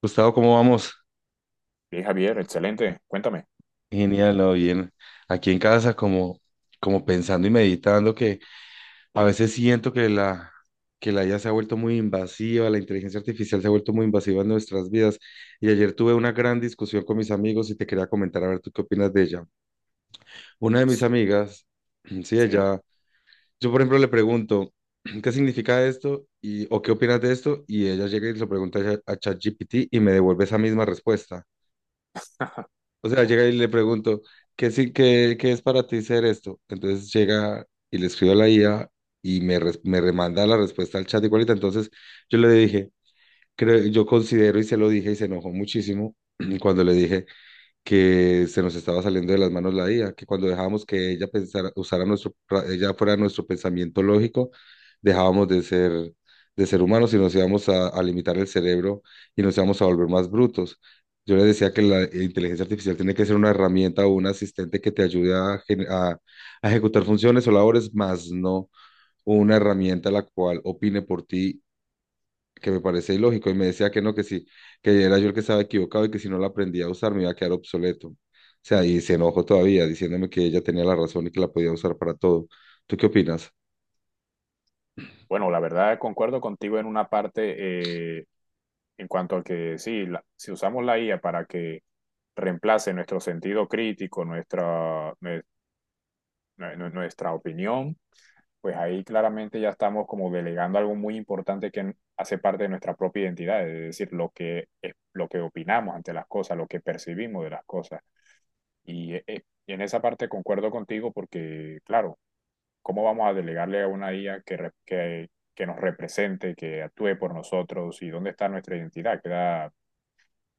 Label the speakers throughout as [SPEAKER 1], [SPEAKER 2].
[SPEAKER 1] Gustavo, ¿cómo vamos?
[SPEAKER 2] Sí, Javier, excelente. Cuéntame.
[SPEAKER 1] Genial, ¿no? Bien. Aquí en casa, como pensando y meditando, que a veces siento que la IA se ha vuelto muy invasiva, la inteligencia artificial se ha vuelto muy invasiva en nuestras vidas. Y ayer tuve una gran discusión con mis amigos y te quería comentar, a ver, ¿tú qué opinas de ella? Una de mis amigas, sí,
[SPEAKER 2] Sí.
[SPEAKER 1] ella, yo por ejemplo le pregunto, ¿qué significa esto? Y, ¿o qué opinas de esto? Y ella llega y se lo pregunta a ChatGPT y me devuelve esa misma respuesta. O sea, llega y le pregunto, ¿qué es para ti ser esto? Entonces llega y le escribo a la IA y me remanda la respuesta al chat igualita. Entonces yo le dije, creo, yo considero, y se lo dije y se enojó muchísimo cuando le dije, que se nos estaba saliendo de las manos la IA, que cuando dejábamos que ella pensara, usara ella fuera nuestro pensamiento lógico, dejábamos de ser, de ser humanos y nos íbamos a limitar el cerebro y nos íbamos a volver más brutos. Yo le decía que la inteligencia artificial tiene que ser una herramienta o un asistente que te ayude a ejecutar funciones o labores, más no una herramienta la cual opine por ti, que me parece ilógico, y me decía que no, que sí, que era yo el que estaba equivocado y que si no la aprendía a usar me iba a quedar obsoleto. O sea, y se enojó todavía diciéndome que ella tenía la razón y que la podía usar para todo. ¿Tú qué opinas?
[SPEAKER 2] Bueno, la verdad concuerdo contigo en una parte eh, en cuanto a que sí, si usamos la IA para que reemplace nuestro sentido crítico, nuestra opinión, pues ahí claramente ya estamos como delegando algo muy importante que hace parte de nuestra propia identidad, es decir, lo que opinamos ante las cosas, lo que percibimos de las cosas. Y eh, eh, en esa parte concuerdo contigo porque, claro, ¿cómo vamos a delegarle a una IA que nos represente, que actúe por nosotros? ¿Y dónde está nuestra identidad? ¿Queda,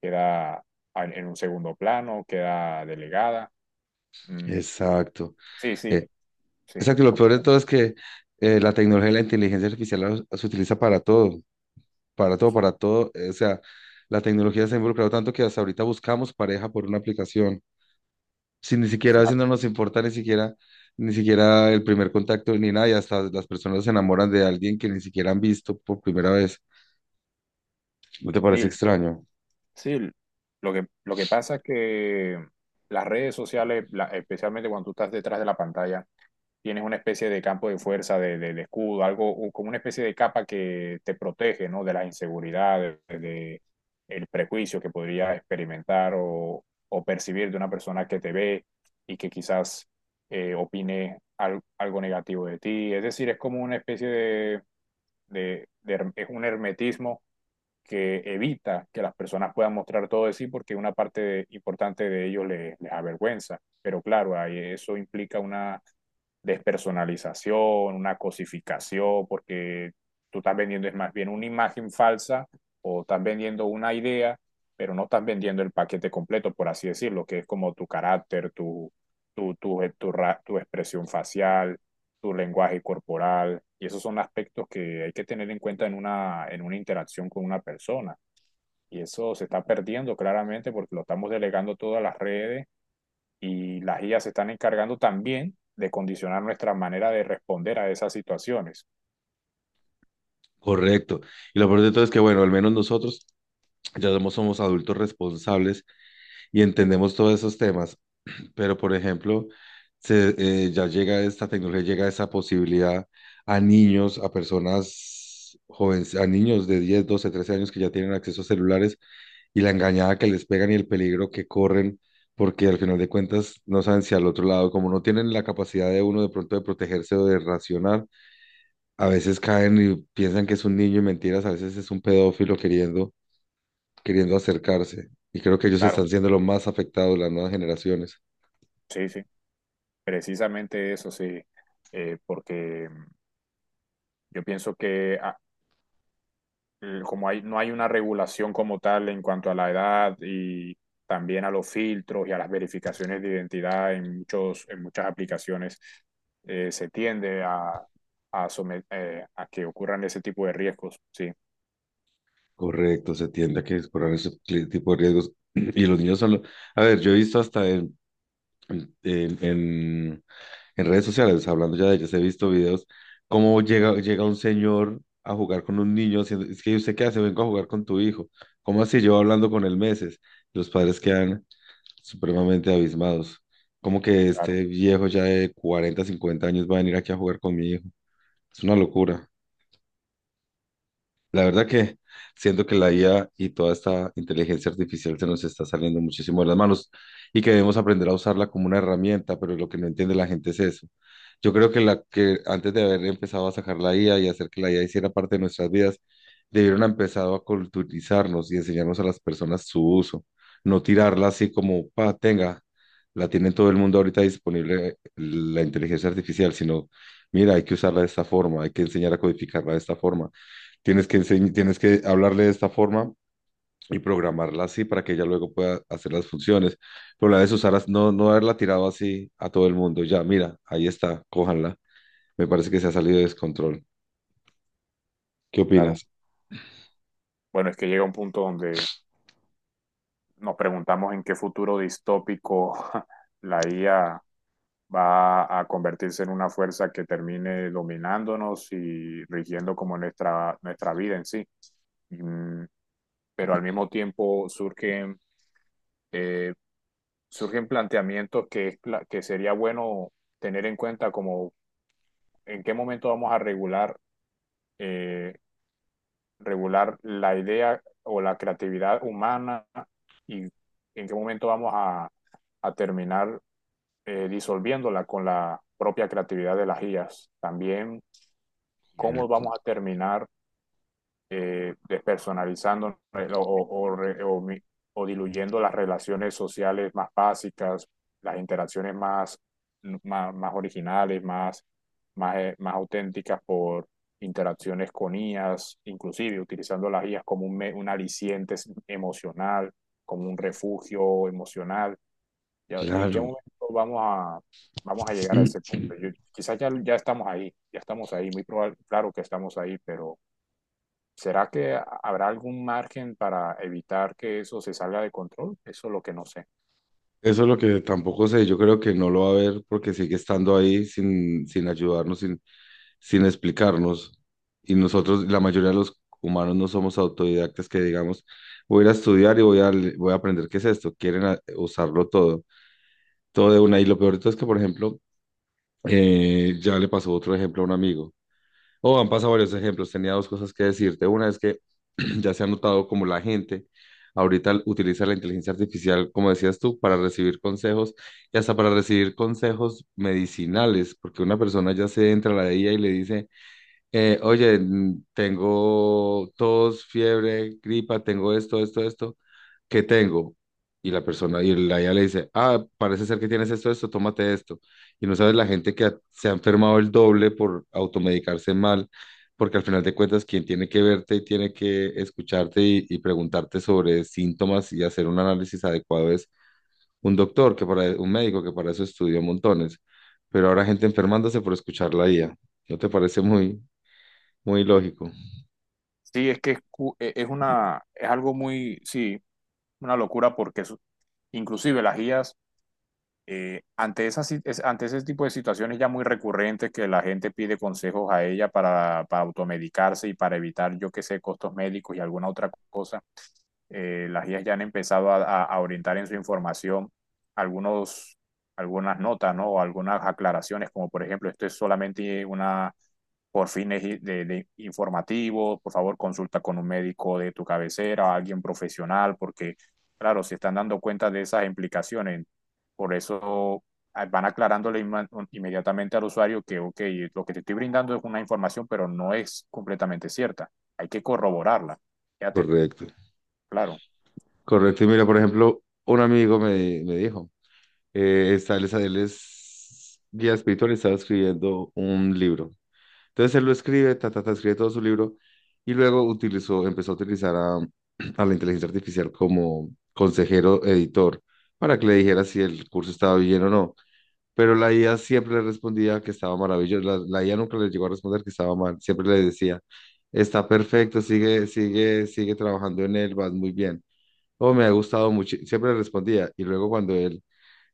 [SPEAKER 2] queda en un segundo plano? ¿Queda delegada? Mm,
[SPEAKER 1] Exacto.
[SPEAKER 2] sí,
[SPEAKER 1] Eh,
[SPEAKER 2] sí, sí,
[SPEAKER 1] exacto, y lo peor de
[SPEAKER 2] completamente.
[SPEAKER 1] todo es que la tecnología y la inteligencia artificial se utiliza para todo, para todo, para todo. O sea, la tecnología se ha involucrado tanto que hasta ahorita buscamos pareja por una aplicación. Si ni siquiera a veces no nos importa ni siquiera el primer contacto ni nada, y hasta las personas se enamoran de alguien que ni siquiera han visto por primera vez. ¿No te
[SPEAKER 2] Sí,
[SPEAKER 1] parece extraño?
[SPEAKER 2] sí, lo que pasa es que las redes sociales, especialmente cuando tú estás detrás de la pantalla, tienes una especie de campo de fuerza, de escudo, algo o como una especie de capa que te protege, ¿no? De las inseguridades, de el prejuicio que podría experimentar o percibir de una persona que te ve y que quizás opine algo negativo de ti. Es decir, es como una especie de, es un hermetismo que evita que las personas puedan mostrar todo de sí porque una importante de ellos les avergüenza. Pero claro, ahí eso implica una despersonalización, una cosificación, porque tú estás vendiendo es más bien una imagen falsa o estás vendiendo una idea, pero no estás vendiendo el paquete completo, por así decirlo, que es como tu carácter, tu expresión facial, tu lenguaje corporal, y esos son aspectos que hay que tener en cuenta en una interacción con una persona. Y eso se está perdiendo claramente porque lo estamos delegando todas las redes y las IA se están encargando también de condicionar nuestra manera de responder a esas situaciones.
[SPEAKER 1] Correcto. Y lo peor de todo es que, bueno, al menos nosotros ya somos adultos responsables y entendemos todos esos temas. Pero, por ejemplo, ya llega esta tecnología, llega esa posibilidad a niños, a personas jóvenes, a niños de 10, 12, 13 años que ya tienen acceso a celulares, y la engañada que les pegan y el peligro que corren, porque al final de cuentas no saben si al otro lado, como no tienen la capacidad de uno de pronto de protegerse o de racionar, a veces caen y piensan que es un niño y mentiras, a veces es un pedófilo queriendo acercarse. Y creo que ellos están
[SPEAKER 2] Claro,
[SPEAKER 1] siendo los más afectados, las nuevas generaciones.
[SPEAKER 2] sí, sí, precisamente eso, sí. Porque yo pienso que como hay, no hay una regulación como tal en cuanto a la edad y también a los filtros y a las verificaciones de identidad en en muchas aplicaciones, se tiende a que ocurran ese tipo de riesgos. Sí,
[SPEAKER 1] Correcto, se tiende a que corran ese tipo de riesgos. Y los niños son... A ver, yo he visto hasta en, en- en redes sociales, hablando ya de ellas, he visto videos cómo llega un señor a jugar con un niño, haciendo, es que usted qué hace, vengo a jugar con tu hijo. ¿Cómo así? Llevo hablando con él meses. Los padres quedan supremamente abismados. Como que
[SPEAKER 2] claro,
[SPEAKER 1] este viejo ya de 40, 50 años va a venir aquí a jugar con mi hijo. Es una locura. La verdad que siento que la IA y toda esta inteligencia artificial se nos está saliendo muchísimo de las manos y que debemos aprender a usarla como una herramienta, pero lo que no entiende la gente es eso. Yo creo que la que antes de haber empezado a sacar la IA y hacer que la IA hiciera parte de nuestras vidas, debieron haber empezado a culturizarnos y enseñarnos a las personas su uso, no tirarla así como, pa, tenga, la tiene todo el mundo ahorita disponible la inteligencia artificial, sino, mira, hay que usarla de esta forma, hay que enseñar a codificarla de esta forma. Tienes que hablarle de esta forma y programarla así para que ella luego pueda hacer las funciones. Pero la de Susana, no, no haberla tirado así a todo el mundo. Ya, mira, ahí está, cójanla. Me parece que se ha salido de descontrol. ¿Qué
[SPEAKER 2] claro.
[SPEAKER 1] opinas?
[SPEAKER 2] Bueno, es que llega un punto donde nos preguntamos en qué futuro distópico la IA va a convertirse en una fuerza que termine dominándonos y rigiendo como nuestra, nuestra vida en sí. Mm. Pero al mismo tiempo surgen, eh, surgen planteamientos que sería bueno tener en cuenta como en qué momento vamos a regular eh, regular la idea o la creatividad humana y en qué momento vamos a terminar disolviéndola con la propia creatividad de las IAs. También cómo
[SPEAKER 1] Correcto.
[SPEAKER 2] vamos a terminar despersonalizando o, o, diluyendo las relaciones sociales más básicas, las interacciones más originales, más auténticas por interacciones con IAS, inclusive utilizando las IAS como un aliciente emocional, como un refugio emocional. ¿Ya? ¿En qué
[SPEAKER 1] Claro.
[SPEAKER 2] momento vamos a, vamos a llegar a ese punto? Yo, quizás ya, ya estamos ahí, muy probable, claro que estamos ahí, pero ¿será que habrá algún margen para evitar que eso se salga de control? Eso es lo que no sé.
[SPEAKER 1] Eso es lo que tampoco sé. Yo creo que no lo va a ver porque sigue estando ahí sin ayudarnos, sin explicarnos. Y nosotros, la mayoría de los humanos no somos autodidactas que digamos, voy a ir a estudiar y voy voy a aprender qué es esto. Quieren usarlo todo, todo de una. Y lo peor de todo es que, por ejemplo, ya le pasó otro ejemplo a un amigo. O han pasado varios ejemplos. Tenía dos cosas que decirte. Una es que ya se ha notado como la gente ahorita utiliza la inteligencia artificial, como decías tú, para recibir consejos y hasta para recibir consejos medicinales, porque una persona ya se entra a la IA y le dice, oye, tengo tos, fiebre, gripa, tengo esto, esto, esto, ¿qué tengo? Y la persona, y la IA le dice, ah, parece ser que tienes esto, esto, tómate esto. Y no sabes la gente que se ha enfermado el doble por automedicarse mal, porque al final de cuentas, quien tiene que verte y tiene que escucharte y preguntarte sobre síntomas y hacer un análisis adecuado es un doctor, que para, un médico que para eso estudió montones. Pero ahora gente enfermándose por escuchar la IA. ¿No te parece muy... muy lógico,
[SPEAKER 2] Sí, es que es una, es algo muy, sí, una locura porque inclusive las guías, ante esas, si- es- ante ese tipo de situaciones ya muy recurrentes que la gente pide consejos a ella para automedicarse y para evitar, yo qué sé, costos médicos y alguna otra cosa. Eh, las guías ya han empezado a orientar en su información algunos, algunas notas, ¿no? O algunas aclaraciones, como por ejemplo, esto es solamente una por fines de informativos, por favor consulta con un médico de tu cabecera, alguien profesional, porque claro, se están dando cuenta de esas implicaciones. Por eso van aclarándole inmediatamente al usuario que, ok, lo que te estoy brindando es una información, pero no es completamente cierta. Hay que corroborarla. Fíjate,
[SPEAKER 1] correcto.
[SPEAKER 2] claro.
[SPEAKER 1] Correcto. Y mira, por ejemplo, un amigo me dijo, él es guía espiritual y estaba escribiendo un libro. Entonces él lo escribe, ta, ta, ta, escribe todo su libro y luego empezó a utilizar a la inteligencia artificial como consejero editor para que le dijera si el curso estaba bien o no. Pero la IA siempre le respondía que estaba maravilloso. La IA nunca le llegó a responder que estaba mal, siempre le decía, está perfecto, sigue trabajando en él, vas muy bien. Oh, me ha gustado mucho, siempre le respondía. Y luego cuando él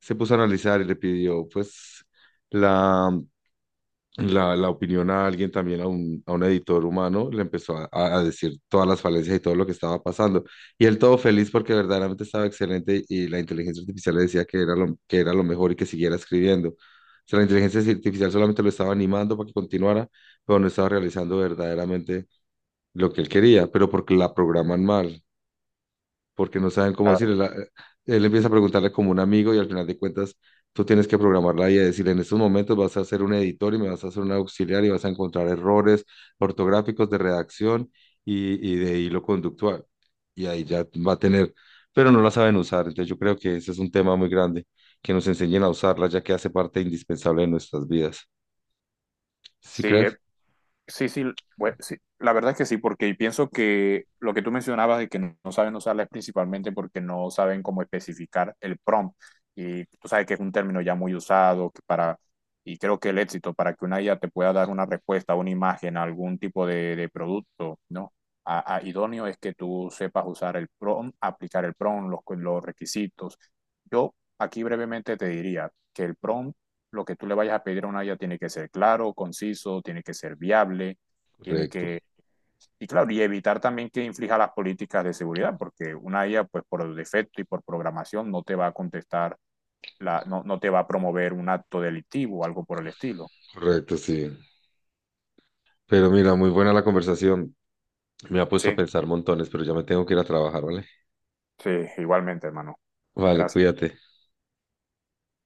[SPEAKER 1] se puso a analizar y le pidió, pues, la la opinión a alguien también, a un editor humano, le empezó a decir todas las falencias y todo lo que estaba pasando. Y él todo feliz porque verdaderamente estaba excelente y la inteligencia artificial le decía que era lo mejor y que siguiera escribiendo. O sea, la inteligencia artificial solamente lo estaba animando para que continuara, pero no estaba realizando verdaderamente lo que él quería, pero porque la programan mal porque no saben cómo decirle. Él empieza a preguntarle como un amigo y al final de cuentas tú tienes que programarla y decirle, en estos momentos vas a ser un editor y me vas a hacer un auxiliar y vas a encontrar errores ortográficos de redacción y de hilo conductual. Y ahí ya va a tener, pero no la saben usar. Entonces yo creo que ese es un tema muy grande, que nos enseñen a usarla ya que hace parte indispensable de nuestras vidas. ¿Sí
[SPEAKER 2] Sí,
[SPEAKER 1] crees?
[SPEAKER 2] sí, sí, sí, la verdad es que sí, porque pienso que lo que tú mencionabas de que no saben usarla es principalmente porque no saben cómo especificar el prompt. Y tú sabes que es un término ya muy usado y creo que el éxito para que una IA te pueda dar una respuesta, una imagen, algún tipo de producto, ¿no? Idóneo es que tú sepas usar el prompt, aplicar el prompt, los requisitos. Yo aquí brevemente te diría que el prompt lo que tú le vayas a pedir a una IA tiene que ser claro, conciso, tiene que ser viable, tiene
[SPEAKER 1] Correcto,
[SPEAKER 2] que... Y claro, y evitar también que inflija las políticas de seguridad, porque una IA, pues por defecto y por programación, no te va a contestar, no, no te va a promover un acto delictivo o algo por el estilo.
[SPEAKER 1] correcto, sí. Pero mira, muy buena la conversación. Me ha puesto a
[SPEAKER 2] Sí,
[SPEAKER 1] pensar montones, pero ya me tengo que ir a trabajar, ¿vale?
[SPEAKER 2] sí, igualmente, hermano.
[SPEAKER 1] Vale,
[SPEAKER 2] Gracias.
[SPEAKER 1] cuídate.